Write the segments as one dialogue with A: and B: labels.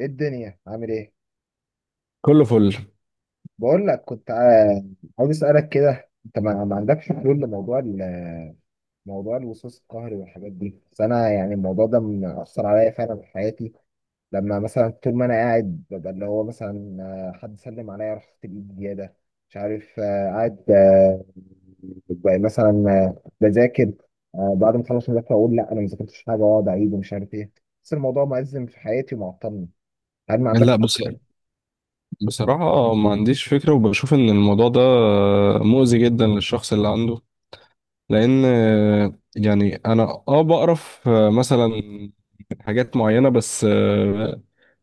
A: ايه الدنيا عامل ايه؟
B: كله فل.
A: بقول لك، كنت عاوز اسالك كده، انت ما عندكش حلول لموضوع موضوع الوسواس القهري والحاجات دي؟ بس انا يعني الموضوع ده مأثر عليا فعلا في حياتي. لما مثلا طول ما انا قاعد، ببقى اللي هو مثلا حد سلم عليا رحت الايد زياده، مش عارف قاعد ببقى مثلا بذاكر، بعد ما اخلص مذاكره اقول لا انا ما ذاكرتش حاجه واقعد اعيد ومش عارف ايه. بس الموضوع مأزم في حياتي ومعطلني. هل ما
B: لا
A: عندكش
B: بص، بصراحة ما عنديش فكرة وبشوف إن الموضوع ده مؤذي جدا للشخص اللي عنده. لأن يعني أنا بقرف مثلا من حاجات معينة، بس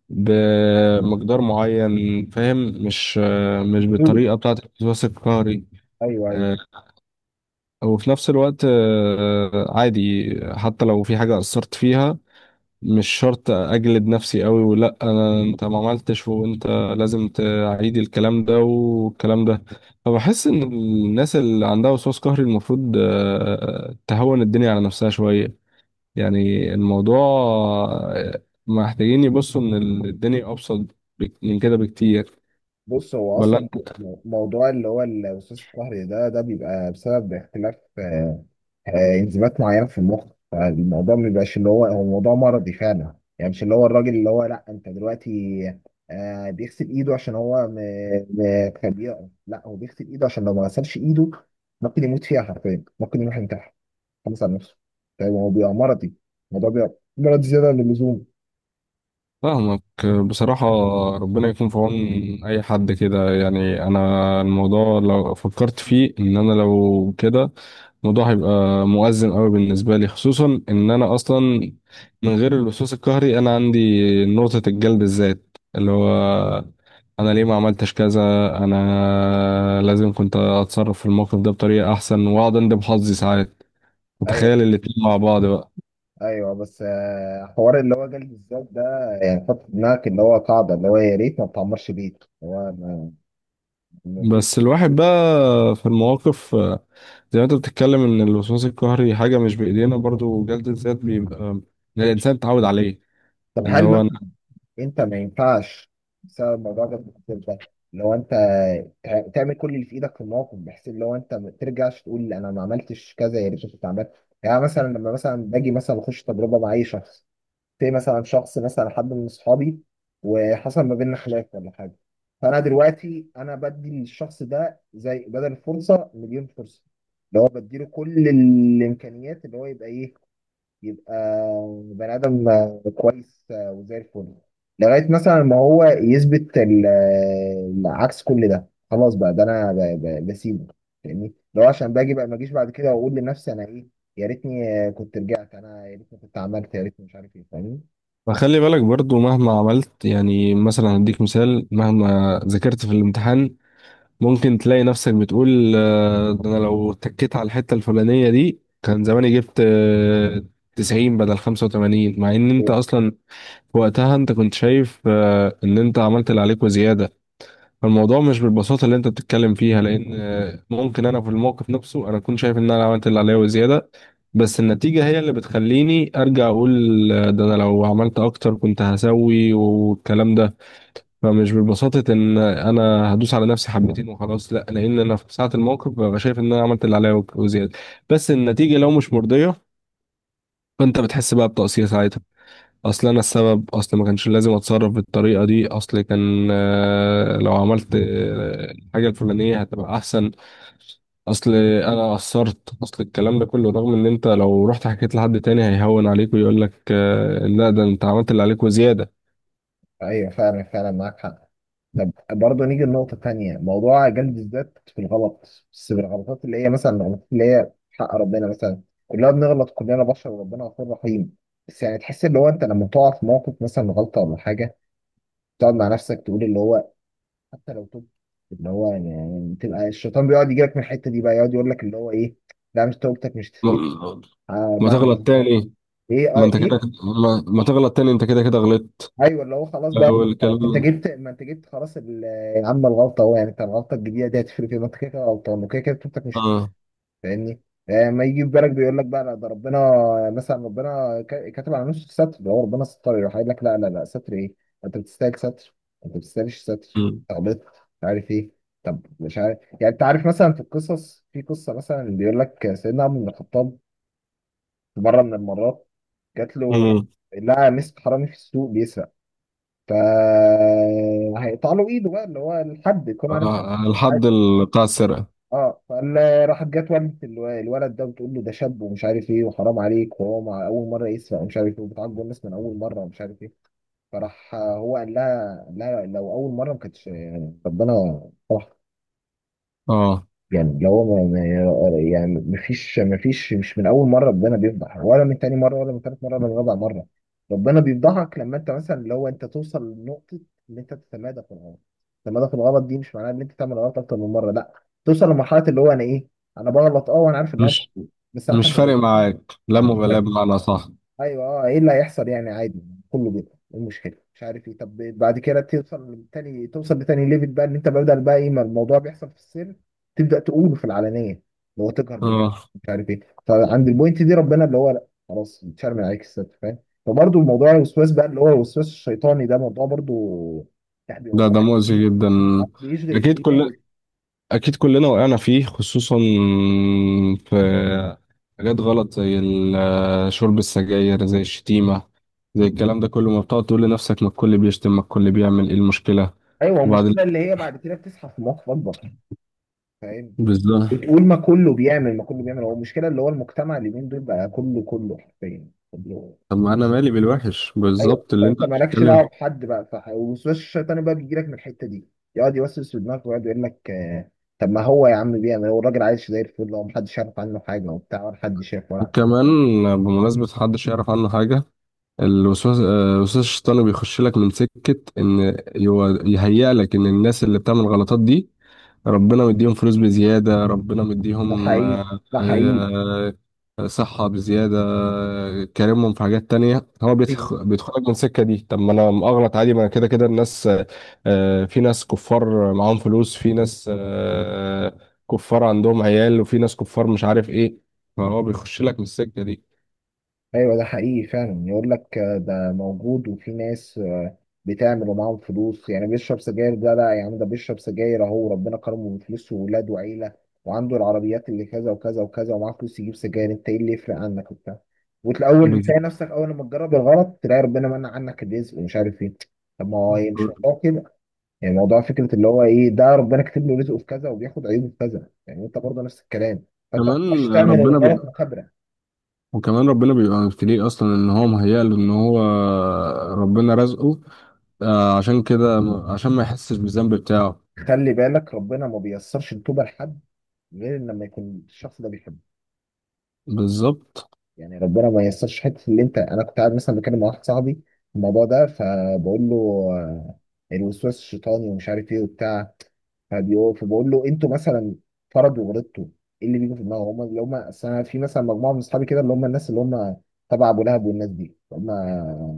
B: بمقدار معين فاهم. مش مش
A: حلول؟
B: بالطريقة بتاعة الوسواس القهري.
A: ايوه ايوه.
B: وفي نفس الوقت عادي، حتى لو في حاجة أثرت فيها مش شرط اجلد نفسي قوي، ولا انا انت ما عملتش وانت لازم تعيد الكلام ده والكلام ده. فبحس ان الناس اللي عندها وسواس قهري المفروض تهون الدنيا على نفسها شوية. يعني الموضوع محتاجين يبصوا ان الدنيا ابسط من كده بكتير.
A: بص، هو
B: ولا
A: اصلا موضوع اللي هو الوسواس القهري ده بيبقى بسبب اختلاف انزيمات معينه في المخ. فالموضوع ما بيبقاش اللي هو هو موضوع مرضي فعلا، يعني مش اللي هو الراجل اللي هو، لا، انت دلوقتي بيغسل ايده عشان هو خبيئه، لا، هو بيغسل ايده عشان لو ما غسلش ايده ممكن يموت فيها حرفيا، ممكن يروح ينتحر، خلص على نفسه. طيب هو بيبقى مرضي، الموضوع بيبقى مرض زياده عن اللزوم.
B: فاهمك. بصراحة ربنا يكون في عون أي حد كده، يعني أنا الموضوع لو فكرت فيه إن أنا لو كده الموضوع هيبقى مؤزم قوي بالنسبة لي، خصوصا إن أنا أصلا من غير اللصوص القهري أنا عندي نقطة الجلد الذات، اللي هو أنا ليه ما عملتش كذا، أنا لازم كنت أتصرف في الموقف ده بطريقة أحسن، وأقعد أندب حظي ساعات.
A: ايوه
B: متخيل الاتنين مع بعض بقى.
A: ايوه بس حوار اللي هو جلد الذات ده، يعني حط في دماغك اللي هو قاعده اللي هو يا ريت ما بتعمرش بيت، هو ما، ما في.
B: بس الواحد بقى في المواقف، زي ما انت بتتكلم ان الوسواس القهري حاجه مش بايدينا، برضو جلد الذات بيبقى إن الانسان اتعود عليه.
A: طب
B: ان
A: هل
B: هو
A: مثلا
B: أنا-
A: انت ما ينفعش، بسبب الموضوع ده، بتبقى لو انت تعمل كل اللي في ايدك في الموقف، بحيث اللي هو انت ما ترجعش تقول انا ما عملتش كذا يا ريت كنت عملت. يعني مثلا لما مثلا باجي مثلا اخش تجربه مع اي شخص، زي مثلا شخص مثلا حد من اصحابي، وحصل ما بيننا خلاف ولا حاجه، فانا دلوقتي انا بدي للشخص ده زي بدل فرصه مليون فرصه، اللي هو بديله كل الامكانيات، اللي هو يبقى ايه، يبقى بني ادم كويس وزي الفل، لغايه مثلا ما هو يثبت عكس كل ده، خلاص بقى ده انا بسيبه. فاهمني؟ لو عشان باجي بقى ما اجيش بعد كده واقول لنفسي انا ايه، يا ريتني كنت رجعت، انا يا ريتني كنت عملت، يا ريتني مش عارف ايه. فاهمني؟
B: فخلي بالك برضو مهما عملت، يعني مثلا هديك مثال: مهما ذاكرت في الامتحان ممكن تلاقي نفسك بتقول ده انا لو تكيت على الحته الفلانيه دي كان زماني جبت 90 بدل 85، مع ان انت
A: ايوه.
B: اصلا في وقتها انت كنت شايف ان انت عملت اللي عليك وزياده. فالموضوع مش بالبساطة اللي انت بتتكلم فيها، لان ممكن انا في الموقف نفسه انا اكون شايف ان انا عملت اللي عليا وزيادة، بس النتيجة هي اللي بتخليني ارجع اقول ده انا لو عملت اكتر كنت هسوي والكلام ده. فمش ببساطة ان انا هدوس على نفسي حبتين وخلاص، لا، لان انا في ساعة الموقف ببقى شايف ان انا عملت اللي عليا وزيادة، بس النتيجة لو مش مرضية فانت بتحس بقى بتقصير ساعتها. اصل انا السبب، اصل ما كانش لازم اتصرف بالطريقه دي، اصل كان لو عملت الحاجه الفلانيه هتبقى احسن، اصل انا قصرت، اصل الكلام ده كله، رغم ان انت لو رحت حكيت لحد تاني هيهون عليك ويقول لك لا ده انت عملت اللي عليك وزياده.
A: أيوة، فعلا فعلا معاك حق. طب برضه نيجي لنقطة تانية، موضوع جلد الذات في الغلط، بس بالغلطات اللي هي مثلا الغلطات اللي هي حق ربنا مثلا. كلنا بنغلط، كلنا بشر وربنا غفور رحيم. بس يعني تحس اللي هو انت لما تقع في موقف مثلا غلطة ولا حاجة، تقعد مع نفسك تقول اللي هو حتى لو تبت، اللي هو يعني تبقى الشيطان بيقعد يجيلك من الحتة دي بقى، يقعد يقول لك اللي هو ايه، لا مش توبتك مش تفيد،
B: ما
A: آه،
B: ما
A: مهما
B: تغلط
A: عملت.
B: تاني.
A: ايه
B: ما
A: آه
B: انت كده
A: ايه.
B: ما, ما تغلط تاني، انت كده كده غلطت.
A: ايوه اللي هو خلاص بقى،
B: لو
A: ما انت
B: الكلام.
A: جبت ما انت جبت خلاص يا عم الغلطه اهو، يعني انت الغلطه الجديده دي هتفرق ايه، ما انت كده كده غلطان وكده كده بتوبتك مش هتفرق،
B: اه.
A: فاهمني؟ ما يجي في بالك بيقول لك بقى لا ده ربنا مثلا ربنا كاتب على نفسه الستر، ده هو ربنا ستر، يروح قايل لك لا لا لا ستر ايه، انت بتستاهل ستر، انت ما بتستاهلش ستر،
B: امم.
A: غلطت، مش عارف ايه. طب مش عارف، يعني انت عارف مثلا في القصص في قصه مثلا بيقول لك سيدنا عمر بن الخطاب في مره من المرات جات له،
B: آه.
A: لقى مسك حرامي في السوق بيسرق، فهيقطع له ايده بقى اللي هو الحد، يكون عارف
B: آه.
A: الحد؟
B: الحد بتاع السرقه.
A: اه، فراحت جت والدة الولد ده بتقول له ده شاب ومش عارف ايه وحرام عليك وهو مع اول مره يسرق ومش عارف ايه وبتعاقبه الناس من اول مره ومش عارف ايه. فراح هو قال لها لو اول مره ما كانتش، يعني ربنا سمح.
B: اه.
A: يعني اللي هو يعني مفيش مش من اول مره ربنا بيفضح، ولا من تاني مره، ولا من تالت مره، ولا من رابع مره. ربنا بيفضحك لما انت مثلا اللي هو انت توصل لنقطه ان انت تتمادى في الغلط. التمادى في الغلط دي مش معناها ان انت تعمل غلط اكتر من مره، لا، توصل لمرحله اللي هو انا ايه، انا بغلط اه وانا عارف ان انا بغلط،
B: مش
A: بس انا
B: مش
A: حابب
B: فارق
A: أغلط.
B: معاك، لا
A: انا مش،
B: مبالاة بمعنى؟ صح.
A: ايوه اه ايه اللي هيحصل يعني عادي، كله بيبقى إيه المشكله مش عارف ايه. طب بعد كده توصل لتاني ليفل بقى، ان انت بدل بقى ايه ما الموضوع بيحصل في السر، تبدا تقوله في العلانيه، اللي هو تجهر بال،
B: اه،
A: مش عارف ايه. فعند البوينت دي ربنا اللي هو لا خلاص اتشرم عليك الستر، فاهم؟ فبرضه الموضوع الوسواس بقى اللي هو الوسواس الشيطاني ده موضوع برضه، يعني
B: ده
A: موضوع
B: ده مؤذي جدا.
A: بيشغل
B: اكيد
A: الدماغ.
B: كل اكيد كلنا وقعنا فيه، خصوصا في حاجات غلط زي شرب السجاير، زي الشتيمة، زي الكلام ده كله. ما بتقعد تقول لنفسك ما الكل بيشتم، ما الكل بيعمل، ايه المشكلة؟
A: ايوه
B: وبعد.
A: المشكله اللي هي بعد كده بتصحى في مواقف اكبر، فاهم؟
B: بالظبط.
A: بتقول ما كله بيعمل، ما كله بيعمل، هو المشكله اللي هو المجتمع اليومين دول بقى كله، كله حرفيا كله.
B: طب ما انا مالي بالوحش؟
A: ايوه،
B: بالظبط اللي انت
A: فانت مالكش
B: بتتكلم.
A: دعوه بحد بقى صح، والوسواس الشيطاني بقى بيجي لك من الحته دي، يقعد يوسوس في دماغك ويقعد يقول لك طب ما هو يا عم بيعمل، هو الراجل عايش زي الفل، هو محدش يعرف عنه حاجه وبتاع، ولا حد شاف ولا عارف.
B: وكمان بمناسبة محدش يعرف عنه حاجة، الوسواس الوسواس الشيطاني بيخش لك من سكة إن هو يهيأ لك إن الناس اللي بتعمل الغلطات دي ربنا مديهم فلوس بزيادة، ربنا
A: ده
B: مديهم
A: حقيقي، ده حقيقي.
B: صحة بزيادة، كارمهم في حاجات تانية. هو بيدخلك من السكة دي، طب ما أنا أغلط عادي ما أنا كده كده الناس في ناس كفار معاهم فلوس، في ناس كفار عندهم عيال، وفي ناس كفار مش عارف إيه. فهو بيخش لك من السكة دي.
A: ايوه ده حقيقي فعلا، يقول لك ده موجود، وفي ناس بتعمل ومعاهم فلوس، يعني بيشرب سجاير ده، لا يا عم، ده بيشرب سجاير اهو، ربنا كرمه بفلوس وولاد وعيله، وعنده العربيات اللي كذا وكذا وكذا ومعاه فلوس يجيب سجاير، انت ايه اللي يفرق عنك وبتاع. وتلاقول
B: بز-
A: تلاقي نفسك اول ما تجرب الغلط تلاقي ربنا منع عنك الرزق ومش عارف ايه. طب ما هو إيه، مش موضوع كده، يعني موضوع فكره اللي هو ايه، ده ربنا كاتب له رزقه في كذا وبياخد عيوبه في كذا، يعني انت برضه نفس الكلام، فانت مش
B: كمان
A: تعمل
B: ربنا
A: الغلط
B: بيبقى
A: متبرع.
B: وكمان ربنا بيبقى مبتليه اصلا ان هو مهيأ له، ان هو ربنا رزقه عشان كده، عشان ما يحسش بالذنب بتاعه.
A: خلي بالك، ربنا ما بيسرش التوبه لحد غير لما يكون الشخص ده بيحبه.
B: بالظبط.
A: يعني ربنا ما ييسرش حته اللي انت، انا كنت قاعد مثلا بتكلم مع واحد صاحبي في الموضوع ده، فبقول له آه، الوسواس الشيطاني ومش عارف ايه وبتاع، فبقول له انتوا مثلا فرض وغلطتوا ايه اللي بيجي في دماغهم هم، اللي هم اصل انا في مثلا مجموعه من اصحابي كده اللي هم الناس اللي هم تبع ابو لهب والناس دي هم،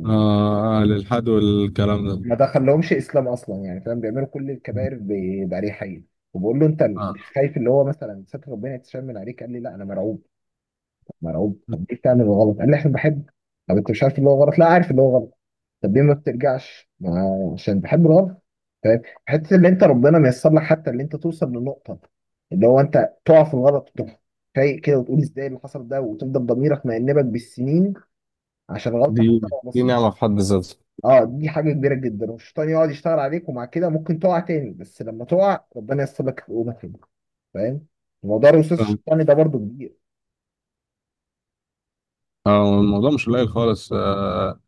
B: للحد والكلام ده.
A: ما دخلهمش اسلام اصلا يعني فاهم، بيعملوا كل الكبائر باريحيه. وبقول له انت مش
B: آه،
A: خايف اللي هو مثلا ستر ربنا يتشمل عليك، قال لي لا انا مرعوب مرعوب. طب ليه بتعمل الغلط؟ قال لي عشان بحب. طب انت مش عارف اللي هو غلط؟ لا عارف اللي هو غلط. طب ليه ما بترجعش؟ ما عشان بحب الغلط. فاهم؟ حته اللي انت ربنا ميسر لك حتى اللي انت توصل لنقطه اللي هو انت تقع في الغلط وتروح فايق كده وتقول ازاي اللي حصل ده، وتفضل ضميرك مأنبك بالسنين عشان غلطه
B: دي
A: حتى لو
B: دي
A: بسيطه.
B: نعمة في حد ذاتها.
A: اه دي حاجه كبيره جدا، والشيطان يقعد يشتغل عليك، ومع كده ممكن تقع تاني، بس لما تقع ربنا ييسر لك تقوم تاني. فاهم؟ موضوع الوسواس
B: آه،
A: الشيطاني ده برضو كبير.
B: الموضوع مش قليل خالص. آه،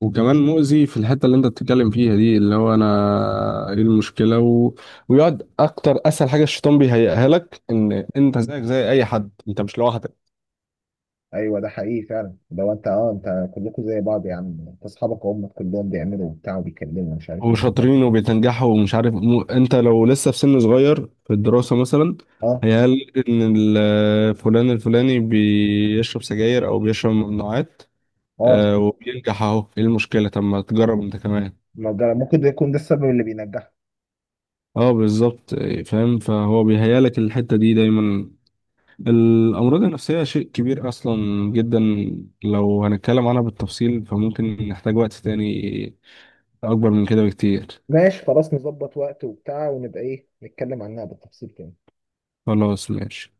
B: وكمان مؤذي في الحتة اللي انت بتتكلم فيها دي، اللي هو انا ايه المشكلة و... ويقعد اكتر. اسهل حاجة الشيطان بيهيئها لك ان انت زيك زي اي حد، انت مش لوحدك
A: ايوه ده حقيقي فعلا، لو انت اه انت كلكم زي بعض يا عم، انت اصحابك وامك كلهم بيعملوا وبتاع وبيكلموا مش عارف ايه.
B: وشاطرين وبيتنجحوا ومش عارف مو... انت لو لسه في سن صغير في الدراسة مثلا. مم.
A: اه
B: هيقال ان فلان الفلاني بيشرب سجاير او بيشرب ممنوعات
A: اه
B: وبينجح، اهو ايه المشكلة؟ طب ما تجرب انت كمان.
A: ما ده ممكن ده يكون ده السبب اللي بينجحك.
B: اه بالظبط، فاهم. فهو بيهيالك الحتة دي دايما. الأمراض النفسية شيء كبير أصلا جدا. لو هنتكلم عنها بالتفصيل فممكن نحتاج وقت تاني أكبر من كده بكتير.
A: ماشي خلاص، نظبط وقت وبتاع ونبقى ايه نتكلم عنها بالتفصيل تاني.
B: خلاص ماشي.